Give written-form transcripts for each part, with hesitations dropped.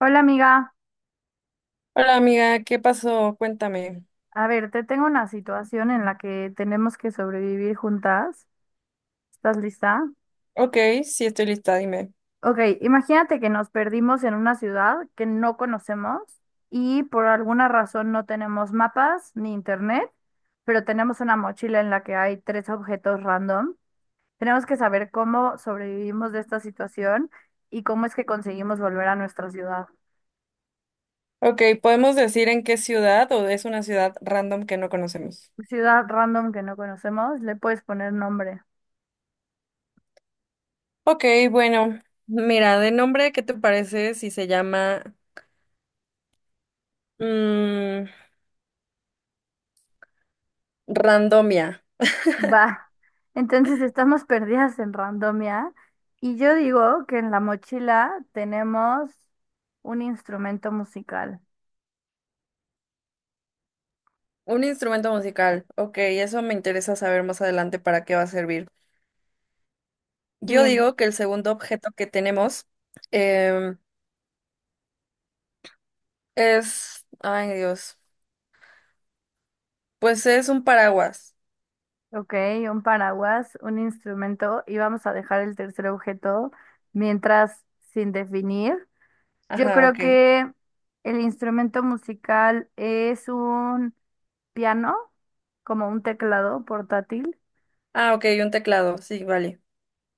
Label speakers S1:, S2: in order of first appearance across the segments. S1: Hola amiga,
S2: Hola amiga, ¿qué pasó? Cuéntame.
S1: a ver, te tengo una situación en la que tenemos que sobrevivir juntas. ¿Estás lista?
S2: Ok, sí estoy lista, dime.
S1: Ok, imagínate que nos perdimos en una ciudad que no conocemos y por alguna razón no tenemos mapas ni internet, pero tenemos una mochila en la que hay tres objetos random. Tenemos que saber cómo sobrevivimos de esta situación y cómo es que conseguimos volver a nuestra ciudad.
S2: Ok, ¿podemos decir en qué ciudad o es una ciudad random que no conocemos?
S1: Ciudad random que no conocemos, le puedes poner nombre.
S2: Ok, bueno, mira, de nombre, ¿qué te parece si se llama mm, randomia?
S1: Va, entonces estamos perdidas en randomia y yo digo que en la mochila tenemos un instrumento musical.
S2: Un instrumento musical. Ok, eso me interesa saber más adelante para qué va a servir. Yo
S1: Sí,
S2: digo que el segundo objeto que tenemos em, es, ay Dios, pues es un paraguas.
S1: ok, un paraguas, un instrumento y vamos a dejar el tercer objeto mientras sin definir. Yo
S2: Ajá,
S1: creo
S2: ok.
S1: que el instrumento musical es un piano, como un teclado portátil.
S2: Ah, ok, un teclado, sí, vale.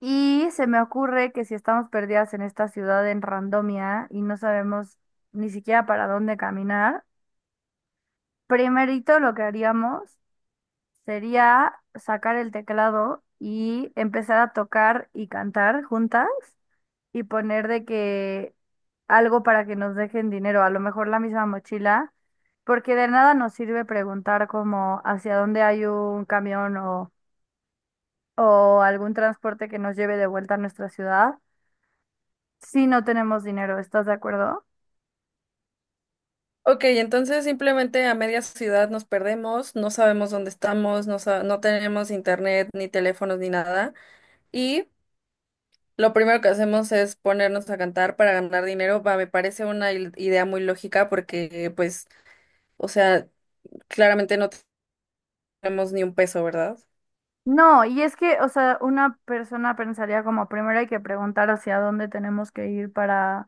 S1: Y se me ocurre que si estamos perdidas en esta ciudad en randomia y no sabemos ni siquiera para dónde caminar, primerito lo que haríamos sería sacar el teclado y empezar a tocar y cantar juntas y poner de que algo para que nos dejen dinero, a lo mejor la misma mochila, porque de nada nos sirve preguntar como hacia dónde hay un camión o algún transporte que nos lleve de vuelta a nuestra ciudad si no tenemos dinero, ¿estás de acuerdo?
S2: Ok, entonces simplemente a media ciudad nos perdemos, no sabemos dónde estamos, no, no tenemos internet, ni teléfonos, ni nada. Y lo primero que hacemos es ponernos a cantar para ganar dinero. Va, me parece una idea muy lógica porque, pues, o sea, claramente no tenemos ni un peso, ¿verdad?
S1: No, y es que, o sea, una persona pensaría como primero hay que preguntar hacia dónde tenemos que ir para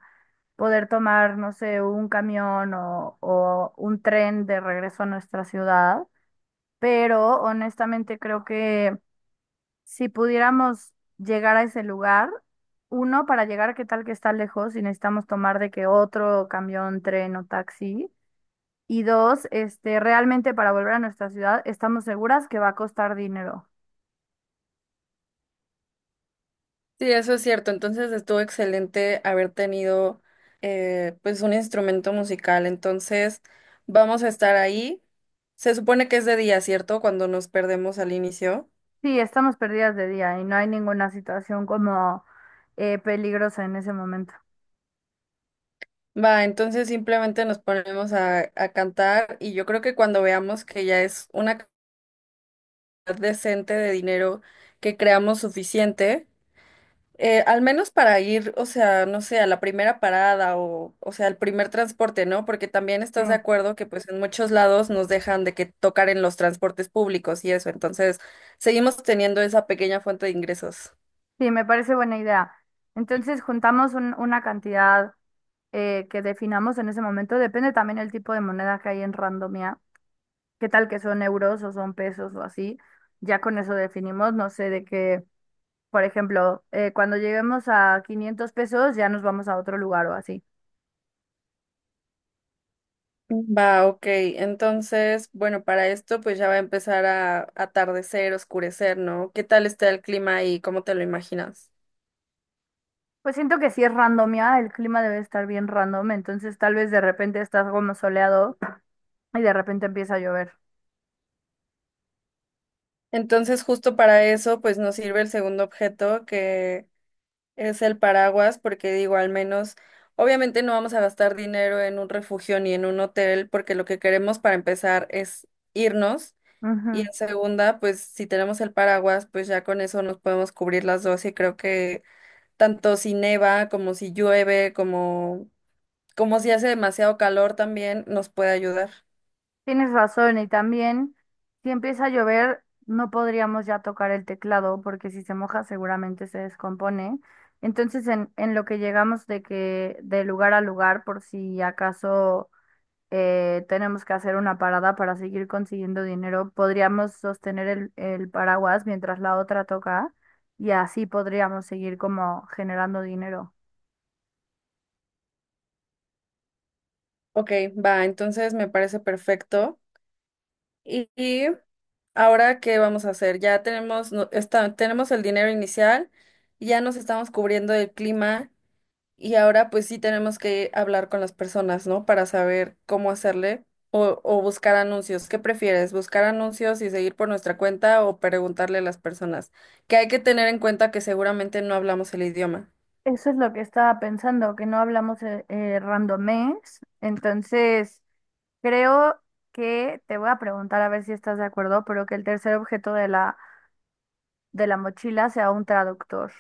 S1: poder tomar, no sé, un camión o un tren de regreso a nuestra ciudad, pero honestamente creo que si pudiéramos llegar a ese lugar, uno, para llegar, ¿qué tal que está lejos y necesitamos tomar de que otro camión, tren o taxi? Y dos, este, realmente para volver a nuestra ciudad estamos seguras que va a costar dinero.
S2: Sí, eso es cierto. Entonces estuvo excelente haber tenido, pues, un instrumento musical. Entonces, vamos a estar ahí. Se supone que es de día, ¿cierto? Cuando nos perdemos al inicio.
S1: Sí, estamos perdidas de día y no hay ninguna situación como peligrosa en ese momento.
S2: Va, entonces simplemente nos ponemos a cantar y yo creo que cuando veamos que ya es una cantidad decente de dinero que creamos suficiente, al menos para ir, o sea, no sé, a la primera parada o sea, al primer transporte, ¿no? Porque también
S1: Sí,
S2: estás de acuerdo que pues en muchos lados nos dejan de que tocar en los transportes públicos y eso, entonces seguimos teniendo esa pequeña fuente de ingresos.
S1: sí, me parece buena idea. Entonces juntamos una cantidad que definamos en ese momento. Depende también el tipo de moneda que hay en Randomia. ¿Qué tal que son euros o son pesos o así? Ya con eso definimos, no sé, de que, por ejemplo, cuando lleguemos a 500 pesos ya nos vamos a otro lugar o así.
S2: Va, ok. Entonces, bueno, para esto pues ya va a empezar a atardecer, oscurecer, ¿no? ¿Qué tal está el clima ahí? ¿Cómo te lo imaginas?
S1: Pues siento que si es randomia, el clima debe estar bien random, entonces tal vez de repente estás como soleado y de repente empieza a llover.
S2: Entonces, justo para eso pues nos sirve el segundo objeto que es el paraguas, porque digo, al menos, obviamente no vamos a gastar dinero en un refugio ni en un hotel, porque lo que queremos para empezar es irnos. Y
S1: Ujú.
S2: en segunda, pues si tenemos el paraguas, pues ya con eso nos podemos cubrir las dos y creo que tanto si neva como si llueve, como si hace demasiado calor también nos puede ayudar.
S1: Tienes razón, y también si empieza a llover, no podríamos ya tocar el teclado porque si se moja seguramente se descompone. Entonces en lo que llegamos de que de lugar a lugar, por si acaso tenemos que hacer una parada para seguir consiguiendo dinero. Podríamos sostener el paraguas mientras la otra toca y así podríamos seguir como generando dinero.
S2: Ok, va, entonces me parece perfecto. Y ahora, ¿qué vamos a hacer? Ya tenemos, tenemos el dinero inicial, ya nos estamos cubriendo el clima. Y ahora pues sí tenemos que hablar con las personas, ¿no? Para saber cómo hacerle o buscar anuncios. ¿Qué prefieres? ¿Buscar anuncios y seguir por nuestra cuenta o preguntarle a las personas? Que hay que tener en cuenta que seguramente no hablamos el idioma.
S1: Eso es lo que estaba pensando, que no hablamos randomés. Entonces, creo que te voy a preguntar a ver si estás de acuerdo, pero que el tercer objeto de la mochila sea un traductor.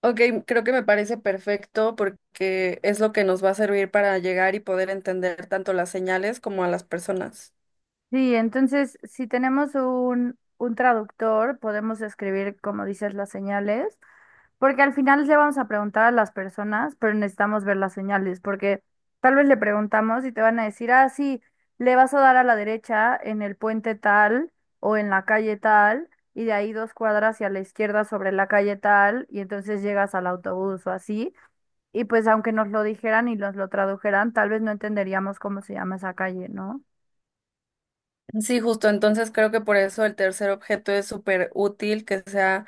S2: Ok, creo que me parece perfecto porque es lo que nos va a servir para llegar y poder entender tanto las señales como a las personas.
S1: Sí, entonces si tenemos un traductor, podemos escribir, como dices, las señales, porque al final le vamos a preguntar a las personas, pero necesitamos ver las señales, porque tal vez le preguntamos y te van a decir, ah, sí, le vas a dar a la derecha en el puente tal o en la calle tal, y de ahí dos cuadras y a la izquierda sobre la calle tal, y entonces llegas al autobús o así, y pues aunque nos lo dijeran y nos lo tradujeran, tal vez no entenderíamos cómo se llama esa calle, ¿no?
S2: Sí, justo. Entonces creo que por eso el tercer objeto es súper útil que sea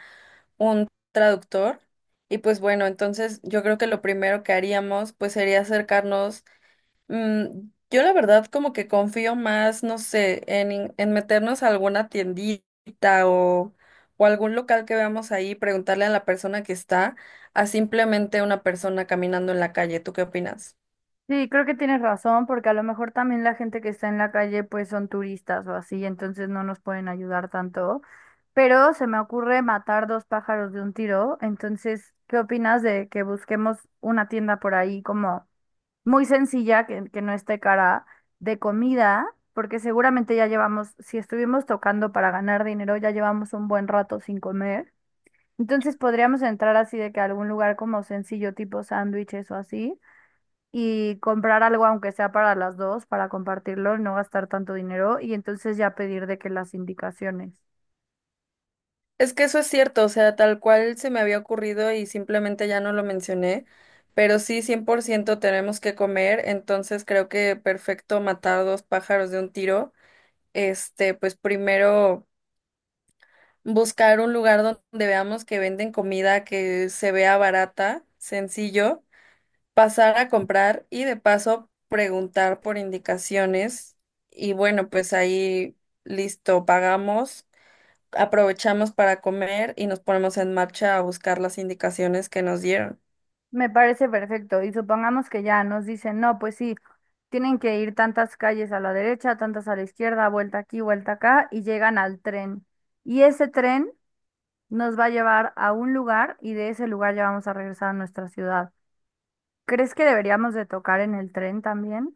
S2: un traductor. Y pues bueno, entonces yo creo que lo primero que haríamos pues sería acercarnos. Mm, yo la verdad como que confío más, no sé, en meternos a alguna tiendita o, o algún local que veamos ahí, preguntarle a la persona que está, a simplemente una persona caminando en la calle. ¿Tú qué opinas?
S1: Sí, creo que tienes razón, porque a lo mejor también la gente que está en la calle pues son turistas o así, entonces no nos pueden ayudar tanto. Pero se me ocurre matar dos pájaros de un tiro, entonces, ¿qué opinas de que busquemos una tienda por ahí como muy sencilla, que no esté cara, de comida? Porque seguramente ya llevamos, si estuvimos tocando para ganar dinero, ya llevamos un buen rato sin comer. Entonces podríamos entrar así de que a algún lugar como sencillo tipo sándwiches o así y comprar algo, aunque sea para las dos, para compartirlo, no gastar tanto dinero y entonces ya pedir de que las indicaciones.
S2: Es que eso es cierto, o sea, tal cual se me había ocurrido y simplemente ya no lo mencioné, pero sí, 100% tenemos que comer, entonces creo que perfecto matar dos pájaros de un tiro. Este, pues primero buscar un lugar donde veamos que venden comida que se vea barata, sencillo, pasar a comprar y de paso preguntar por indicaciones y bueno, pues ahí listo, pagamos. Aprovechamos para comer y nos ponemos en marcha a buscar las indicaciones que nos dieron.
S1: Me parece perfecto. Y supongamos que ya nos dicen, no, pues sí, tienen que ir tantas calles a la derecha, tantas a la izquierda, vuelta aquí, vuelta acá, y llegan al tren. Y ese tren nos va a llevar a un lugar y de ese lugar ya vamos a regresar a nuestra ciudad. ¿Crees que deberíamos de tocar en el tren también?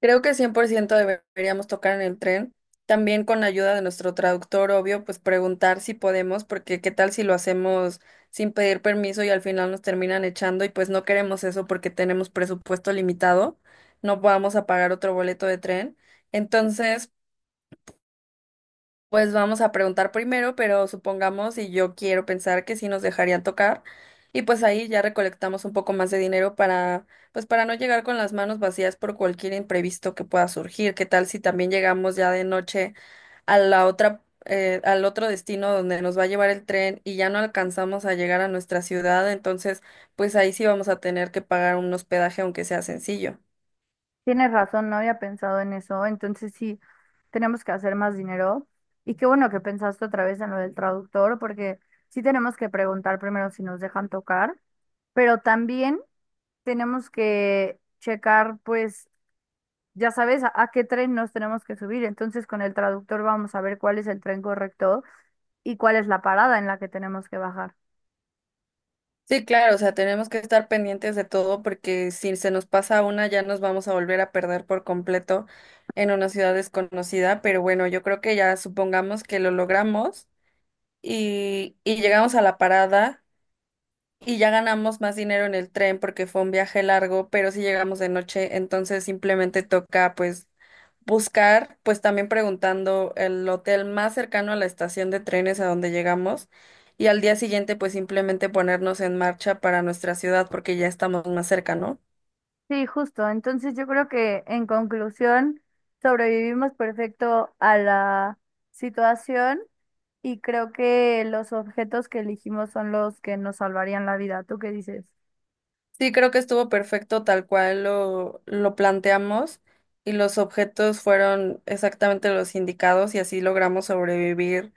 S2: Creo que 100% deberíamos tocar en el tren. También con la ayuda de nuestro traductor, obvio, pues preguntar si podemos, porque qué tal si lo hacemos sin pedir permiso y al final nos terminan echando y pues no queremos eso porque tenemos presupuesto limitado, no vamos a pagar otro boleto de tren. Entonces, pues vamos a preguntar primero, pero supongamos, y yo quiero pensar que sí nos dejarían tocar, y pues ahí ya recolectamos un poco más de dinero para, pues para no llegar con las manos vacías por cualquier imprevisto que pueda surgir. ¿Qué tal si también llegamos ya de noche a la otra, al otro destino donde nos va a llevar el tren y ya no alcanzamos a llegar a nuestra ciudad? Entonces, pues ahí sí vamos a tener que pagar un hospedaje, aunque sea sencillo.
S1: Tienes razón, no había pensado en eso. Entonces sí, tenemos que hacer más dinero. Y qué bueno que pensaste otra vez en lo del traductor, porque sí tenemos que preguntar primero si nos dejan tocar, pero también tenemos que checar, pues, ya sabes, a qué tren nos tenemos que subir. Entonces con el traductor vamos a ver cuál es el tren correcto y cuál es la parada en la que tenemos que bajar.
S2: Sí, claro, o sea, tenemos que estar pendientes de todo porque si se nos pasa una ya nos vamos a volver a perder por completo en una ciudad desconocida, pero bueno, yo creo que ya supongamos que lo logramos y llegamos a la parada y ya ganamos más dinero en el tren porque fue un viaje largo, pero si llegamos de noche, entonces simplemente toca pues buscar, pues también preguntando el hotel más cercano a la estación de trenes a donde llegamos y al día siguiente pues simplemente ponernos en marcha para nuestra ciudad porque ya estamos más cerca, ¿no?
S1: Sí, justo. Entonces yo creo que en conclusión, sobrevivimos perfecto a la situación. Y creo que los objetos que elegimos son los que nos salvarían la vida. ¿Tú qué dices?
S2: Sí, creo que estuvo perfecto tal cual lo planteamos y los objetos fueron exactamente los indicados y así logramos sobrevivir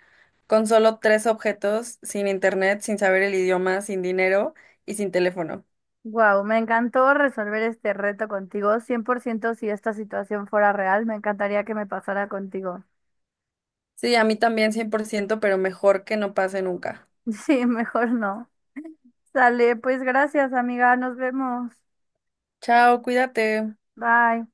S2: con solo 3 objetos, sin internet, sin saber el idioma, sin dinero y sin teléfono.
S1: Wow, me encantó resolver este reto contigo. 100% si esta situación fuera real, me encantaría que me pasara contigo.
S2: Sí, a mí también 100%, pero mejor que no pase nunca.
S1: Sí, mejor no. Sale, pues gracias, amiga. Nos vemos.
S2: Chao, cuídate.
S1: Bye.